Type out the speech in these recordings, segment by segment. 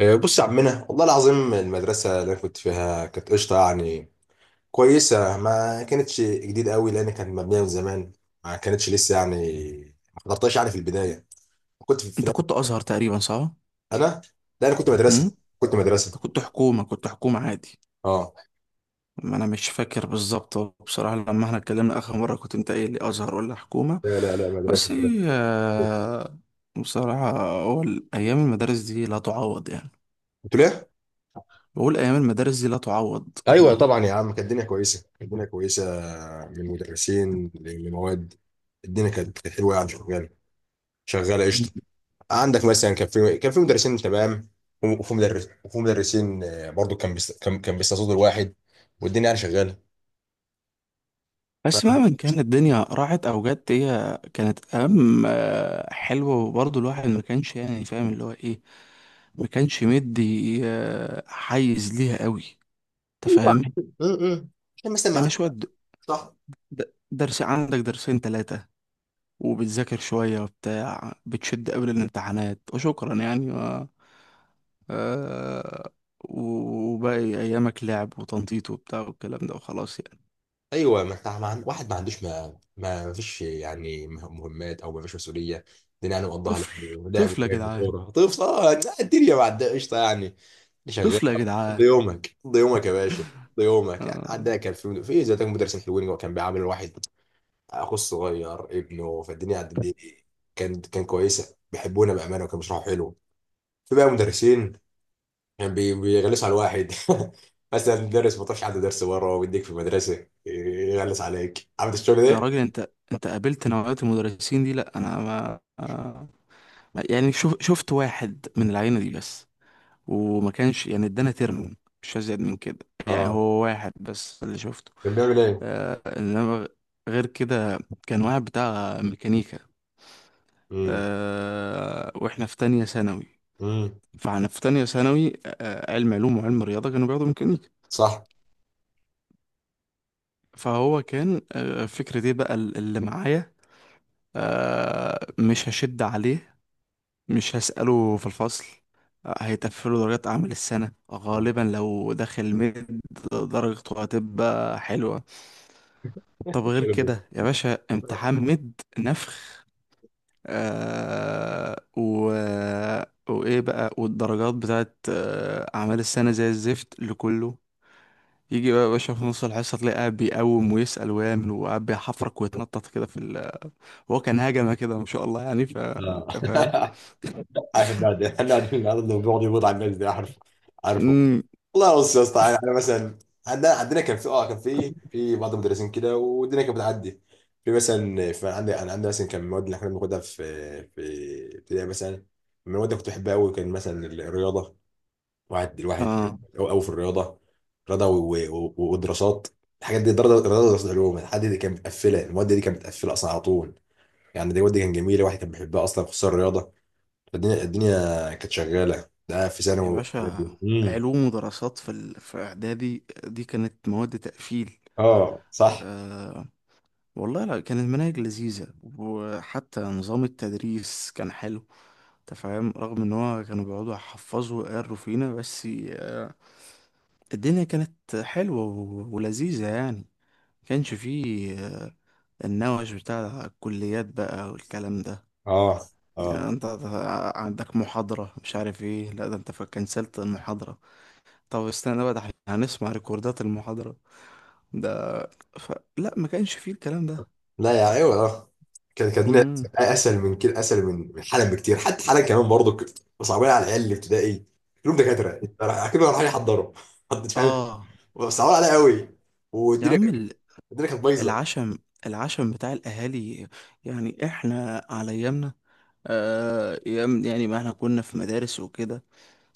آه، بص يا عمنا، والله العظيم المدرسة اللي أنا كنت فيها كانت قشطة يعني، كويسة. ما كانتش جديد قوي لأن كانت مبنية من زمان، ما كانتش لسه يعني، ما حضرتهاش يعني في البداية. كنت انت كنت ازهر تقريبا صح؟ أنا، لا أنا كنت امم مدرسة كنت مدرسة انت كنت حكومه عادي. أه، ما انا مش فاكر بالظبط بصراحه، لما احنا اتكلمنا اخر مره كنت انت قايل لي ازهر ولا حكومه. لا لا لا، مدرسة بس هي مدرسة. آه، بصراحه هو ايام المدارس دي لا تعوض يعني. كنت ليه؟ بقول ايام المدارس دي لا تعوض. أيوه طبعا يا عم، كانت الدنيا كويسة، كانت الدنيا كويسة، من مدرسين لمواد. الدنيا كانت حلوة يعني، شغالة شغالة قشطة. عندك مثلا كان في مدرسين تمام، وفي مدرس، وفي مدرسين آه، برضو كان بيستقصدوا الواحد، والدنيا يعني شغاله. بس ف مهما كان الدنيا راحت او جت، هي كانت ايام حلوه، وبرضه الواحد ما كانش يعني فاهم اللي هو ايه. ما كانش مدي حيز ليها قوي. انت ايوه. فاهم؟ م- م. عشان مثلا ما يعني شوية عندك، صح. درس، عندك درسين تلاتة، وبتذاكر شوية وبتاع، بتشد قبل الامتحانات وشكرا يعني. آه... وباقي أيامك لعب وتنطيط وبتاع والكلام ده وخلاص يعني. ايوه، ما انت ما عند... واحد ما عندوش، ما فيش يعني مهمات، او ما فيش مسؤوليه. الدنيا يعني مقضاها لعب طفل ولعب طفل يا وجري جدعان. وكوره. طفل اه، لا، الدنيا بعد قشطه يعني، شغال. طفل يا جدعان. قضي يومك، قضي يومك يا باشا، قضي يومك. يعني آه... عندنا كان في إيه، زي ده مدرسين حلوين، هو كان بيعامل الواحد اخو الصغير، ابنه. فالدنيا عدت دي، كان كويسه، بيحبونا بامانه، وكانوا بيشرحوا حلو. في بقى مدرسين كان بيغلسوا على الواحد. مثلا مدرس ما تعرفش عنده درس بره ويديك في المدرسه، يغلس عليك. عارف الشغل يا ده؟ راجل، انت قابلت نوعية المدرسين دي، لا انا ما يعني شفت واحد من العينة دي بس، وما كانش يعني ادانا ترم، مش ازيد من كده. يعني اه. هو واحد بس اللي شفته. كان بيعمل ايه؟ انما غير كده كان واحد بتاع ميكانيكا، امم، واحنا في تانية ثانوي. امم، فاحنا في تانية ثانوي، علم علوم وعلم رياضة كانوا بياخدوا ميكانيكا. صح. فهو كان فكرة ايه بقى اللي معايا، مش هشد عليه، مش هسأله في الفصل، هيتقفلوا درجات أعمال السنة غالبا لو داخل مد. درجته هتبقى حلوة. طب غير الشغل ده. كده يا باشا، امتحان مد نفخ. آه و... وايه بقى، والدرجات بتاعت اعمال السنه زي الزفت لكله. يجي بقى يا باشا في نص الحصه تلاقيه قاعد بيقوم ويسأل ويعمل، وقاعد بيحفرك ويتنطط كده. هو كان هجمه كده ما شاء الله يعني، ف اه. أنت فاهم. حناد حناد الارض، وبيقعد يبوظ على الناس ده. عارفه، عارفه. امم. والله بص يا اسطى، يعني انا مثلا عندنا كان في بعض المدرسين كده، والدنيا كانت بتعدي. في مثلا في عندي انا عندي مثلا كان المواد اللي احنا بناخدها في ابتدائي مثلا، من المواد اللي كنت بحبها قوي كان مثلا الرياضه. الواحد اه قوي في الرياضه، رياضه ودراسات. الحاجات دي، دراسه دراسه دراسات علوم، الحاجات دي كانت مقفله، المواد دي كانت مقفله اصلا على طول. يعني دي المواد دي كانت جميله، واحد كان بيحبها اصلا، خصوصا الرياضه. الدنيا كانت شغاله، ده في ثانوي يا باشا، واعدادي. امم، علوم ودراسات في اعدادي دي كانت مواد تقفيل. اه صح، آه والله لا، كانت مناهج لذيذه، وحتى نظام التدريس كان حلو. انت فاهم؟ رغم ان هو كانوا بيقعدوا يحفظوا ويقروا فينا، بس الدنيا كانت حلوة ولذيذة يعني. ما كانش فيه النوش بتاع الكليات بقى والكلام ده. اه يعني اه. انت عندك محاضرة مش عارف ايه، لا ده انت كنسلت المحاضرة. طب استنى بقى، ده احنا هنسمع ريكوردات المحاضرة ده ف... لا ما كانش فيه الكلام ده. لا يا ايوه اه، كانت الدنيا مم. اسهل من كده، اسهل من حالا بكتير. حتى حالا كمان برضه كنت صعبان على العيال اللي ابتدائي، كلهم دكاتره، كلهم رايحين يحضروا. حد فاهم؟ اه صعبان عليا قوي، يا والدنيا عم، الدنيا كانت بايظه. العشم العشم بتاع الاهالي. يعني احنا على ايامنا، يعني ما احنا كنا في مدارس وكده.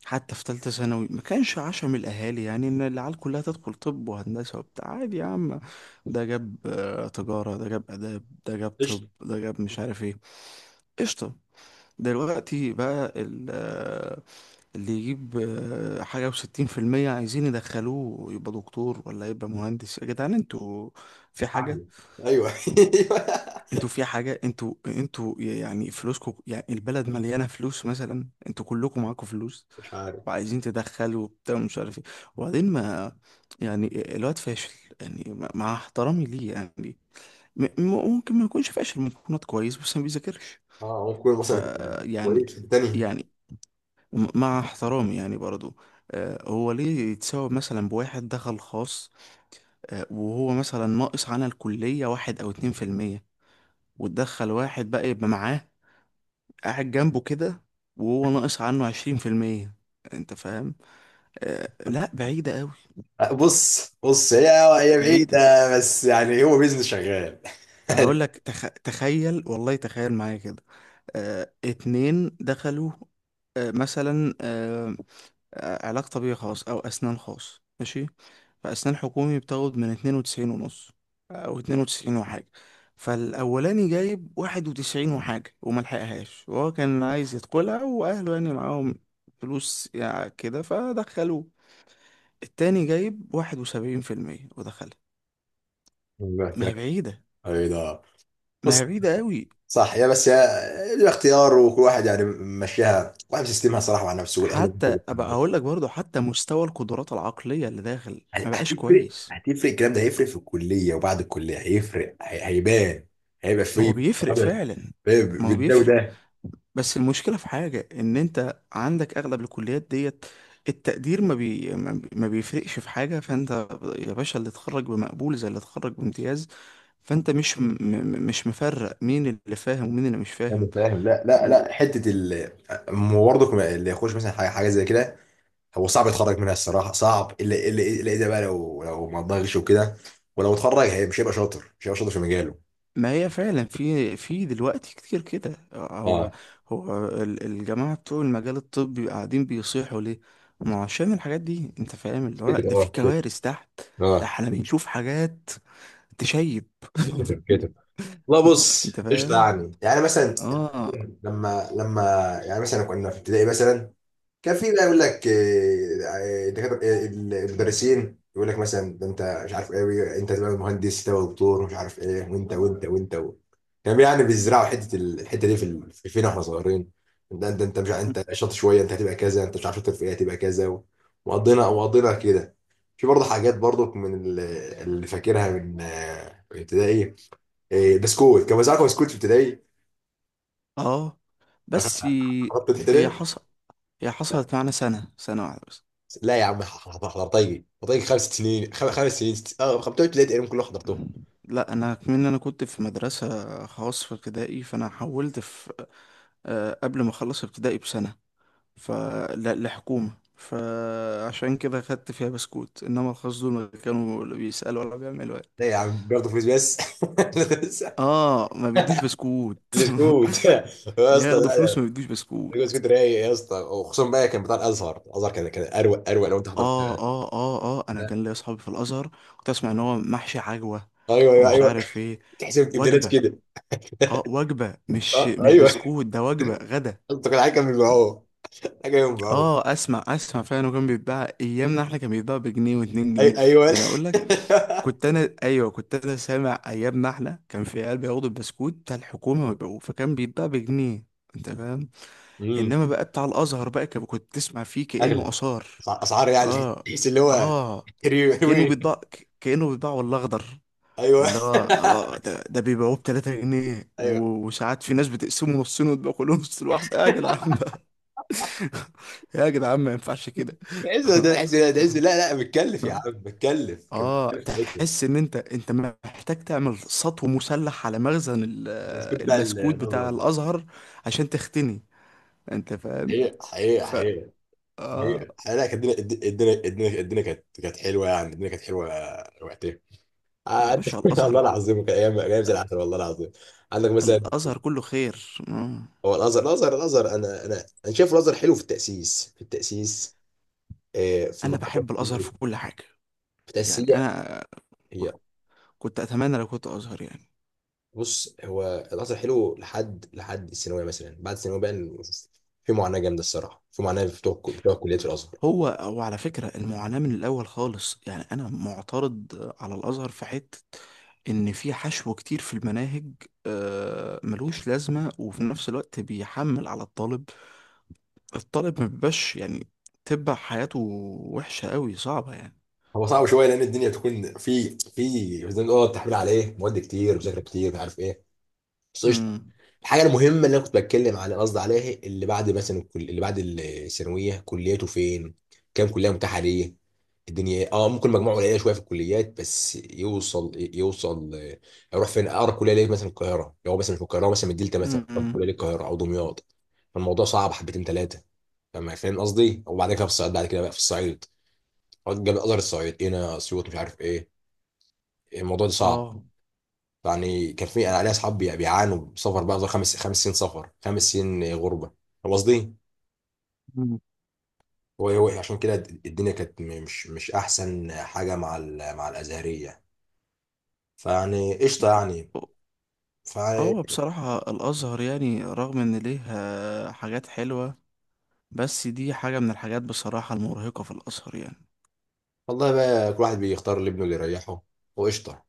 حتى في ثالثة ثانوي ما كانش عشم الأهالي يعني إن العيال كلها تدخل طب وهندسة وبتاع، عادي يا عم. ده جاب تجارة، ده جاب آداب، ده جاب قشطه، طب، ده جاب مش عارف ايه. قشطة. دلوقتي بقى اللي يجيب حاجة وستين في المية عايزين يدخلوه يبقى دكتور ولا يبقى مهندس. يا جدعان، انتوا في عافيه، حاجة؟ ايوه. ايوه، انتوا في حاجة؟ انتوا يعني فلوسكم، يعني البلد مليانة فلوس مثلا، انتوا كلكم معاكم فلوس مش عارف. وعايزين تدخلوا وبتاع ومش عارف ايه. وبعدين ما، يعني الواد فاشل، يعني مع احترامي ليه يعني. ممكن ما يكونش فاشل، ممكن يكون واد كويس بس ما بيذاكرش. اه ممكن، ف مثلا يعني كويس في الثانيه. يعني مع احترامي يعني برضو، هو ليه يتساوى مثلا بواحد دخل خاص، وهو مثلا ناقص عن الكلية 1 أو 2%، وتدخل واحد بقى يبقى معاه قاعد جنبه كده، وهو ناقص عنه 20%. انت فاهم؟ لا بعيدة قوي. بص بص، هي بعيدة. بعيدة، بس يعني هو بيزنس شغال. اقول لك، تخيل والله، تخيل معايا كده، اتنين دخلوا، آه مثلا آه علاج طبيعي خاص او اسنان خاص، ماشي. فاسنان حكومي بتاخد من 92.5، او اتنين وتسعين وحاجة. فالاولاني جايب واحد وتسعين وحاجة وما لحقهاش، وهو كان عايز يدخلها واهله يعني معاهم فلوس يعني كده، فدخلوه. التاني جايب 71% ودخلها. ما هي بعيدة. بعيدة. ما هي بص، بعيدة قوي. صح يا، بس يا له اختيار، وكل واحد يعني ماشيها، واحد سيستمها صراحة مع نفسه والأهل. حتى ابقى اقول لك برضو، حتى مستوى القدرات العقلية اللي داخل يعني ما بقاش هتفرق، كويس. هتفرق، الكلام ده هيفرق في الكلية، وبعد الكلية هيفرق، هيبان، هيبقى ما هو فيه بيفرق فعلا. ما هو بالده بيفرق. وده. بس المشكلة في حاجة ان انت عندك اغلب الكليات ديت، التقدير ما بيفرقش في حاجة. فانت يا باشا اللي اتخرج بمقبول زي اللي اتخرج بامتياز. فانت مش مش مفرق مين اللي فاهم ومين اللي مش انا فاهم. فاهم، لا لا لا. حته ال برضك اللي يخش مثلا حاجه حاجه زي كده، هو صعب يتخرج منها الصراحه، صعب، الا اذا بقى، لو ما اتضغطش وكده. ولو اتخرج، هي مش هيبقى شاطر، مش هيبقى شاطر في مجاله. ما هي فعلا في دلوقتي كتير كده. هو اه هو الجماعة بتوع المجال الطبي قاعدين بيصيحوا ليه؟ ما هو عشان الحاجات دي، انت فاهم اللي هو كتب، ده في اه كتب، كوارث تحت. ده اه، احنا بنشوف حاجات تشيب. كتب كتب. لا بص، انت قشطه فاهم؟ يعني، يعني مثلا اه. لما يعني مثلا كنا في ابتدائي مثلا، كان في بقى يقول لك آه، دكاترة- آه، المدرسين يقول لك مثلا، ده انت مش عارف ايه، انت تبقى مهندس، تبقى دكتور، مش عارف ايه، وانت وانت وانت و... كان يعني بيزرعوا الحته دي في فينا واحنا صغيرين. ده انت انت مش ع- انت شاطر شويه، انت هتبقى كذا، انت مش عارف شاطر في ايه، هتبقى كذا و... وقضينا، وقضينا كده. في برضه حاجات، برضه اللي فاكرها من آه، ابتدائي. آه، بسكوت، كان بيزرعوا بسكوت في ابتدائي. اه. بس حطيت هي ابتدائي. حصل هي حصلت معانا سنة واحدة بس. لا يا عم، حضرتيجي، حضرتيجي 5 سنين، 5 سنين، 5 3 تقريبا كلهم حضرتهم. لا انا كمان كنت في مدرسة خاص في ابتدائي، فانا حولت في، قبل ما اخلص ابتدائي بسنة، فالحكومة. فعشان كده خدت فيها بسكوت، انما الخاص دول ما كانوا لا بيسألوا ولا بيعملوا يعني. لا يا عم، برضه فلوس بس. اه ما بيدوش بسكوت. كنت يا اسطى، بياخدوا لا فلوس ما لا، بيدوش الجوز بسكوت. كنت رايق يا اسطى، وخصوصا بقى كان بتاع الازهر. الازهر كان اروق، اروق لو انت حضرت. اه اه اه اه. انا كان ليا اصحابي في الازهر. كنت اسمع ان هو محشي عجوة ايوه ايوه ومش ايوه، عارف ايه. تحس ابدالات وجبة. كده. اه وجبة، مش اه ايوه، بسكوت، ده وجبة غدا. انت كان حاجه بيبيعوه، حاجه بيبيعوه. اه اسمع اسمع، فعلا كان بيتباع ايامنا احنا، كان بيتباع بجنيه واتنين جنيه ايوه. يعني. اقول لك، كنت انا سامع ايام ما احنا كان في عيال بياخدوا البسكوت بتاع الحكومه ويبيعوه، فكان بيتباع بجنيه. انت فاهم؟ امم، انما بقى بتاع الازهر بقى كنت تسمع فيه كانه اغلى، اثار. اسعار يعني، اه. تحس اللي هو اه. ريوي. كانه بيتباع والله اخضر. ايوه. اللي هو ده بيبيعوه ب 3 جنيه، ايوه، وساعات في ناس بتقسمه نصين وتبقى كلهم نص الواحده يا جدعان بقى. يا جدعان ما ينفعش كده. عز ده، عز ده، عز. لا لا، متكلف يا عم، متكلف، كان اه، متكلف تعبه. تحس ان انت محتاج تعمل سطو مسلح على مخزن بس كنت بتاع البسكوت النظر بتاع ده. الازهر عشان تختني، انت فاهم؟ حقيقة حقيقة ف حقيقة، حقيقة اه، حقيقة. لا، كانت الدنيا، الدنيا كانت حلوة يعني، الدنيا كانت حلوة وقتها. يا عاد- باشا، الله، الازهر. العظيم، كان أيام أيام زي العسل، والله العظيم. عندك مثلا، الازهر كله خير. هو الأزهر، أنا شايف الأزهر حلو في التأسيس، في التأسيس، آه، في انا المرحلة بحب التأسيسية، الازهر في في كل حاجه يعني. التأسيسية. انا كنت اتمنى لو كنت ازهر يعني. بص، هو القطر حلو لحد، لحد الثانويه مثلا، بعد الثانويه بقى في معاناه جامده الصراحه، في معاناه بتوع، بتوع كليه الازهر. هو على فكرة، المعاناة من الأول خالص. يعني أنا معترض على الأزهر في حتة، إن في حشو كتير في المناهج ملوش لازمة، وفي نفس الوقت بيحمل على الطالب. الطالب ما بيبقاش يعني، تبقى حياته وحشة قوي صعبة يعني. هو صعب شويه لان الدنيا بتكون في زي ما بنقول تحميل عليه، مواد كتير، مذاكره كتير، مش عارف ايه، بس قشطه. امم. الحاجه المهمه اللي انا كنت بتكلم على قصدي عليها، اللي بعد مثلا اللي بعد الثانويه، كلياته فين؟ كام كليه متاحه ليه؟ الدنيا إيه؟ اه، ممكن مجموعه قليله شويه في الكليات، بس يوصل، يوصل آه، يروح فين؟ اقرب كليه ليه مثلا القاهره، لو هو مثلا في القاهره، هو مثلا من الدلتا مثلا، اقرب كليه امم. للقاهره او دمياط. فالموضوع صعب حبتين ثلاثه. فاهم، فاهم قصدي. وبعد كده في الصعيد، بعد كده بقى في الصعيد، جاب ازهر الصعيد، هنا اسيوط، مش عارف ايه. الموضوع ده صعب، اه. يعني كان في انا عليها اصحاب بيعانوا سفر بقى، 5 سنين سفر، 5 سنين غربه هو قصدي. مم. هو عشان كده الدنيا كانت مش احسن حاجه مع مع الازهريه، فيعني قشطه يعني. ف هو بصراحة الأزهر، يعني رغم إن ليه حاجات حلوة، بس دي حاجة من الحاجات بصراحة المرهقة في الأزهر يعني. والله بقى كل واحد بيختار لابنه اللي يريحه، وقشطه.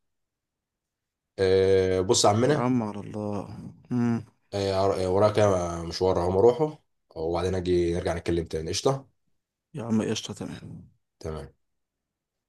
أه، بص يا يا عمنا، عم على الله. مم. أه وراك مشوار، هم اروحه وبعدين اجي نرجع نتكلم تاني. قشطه، يا عم قشطة تمام. تمام.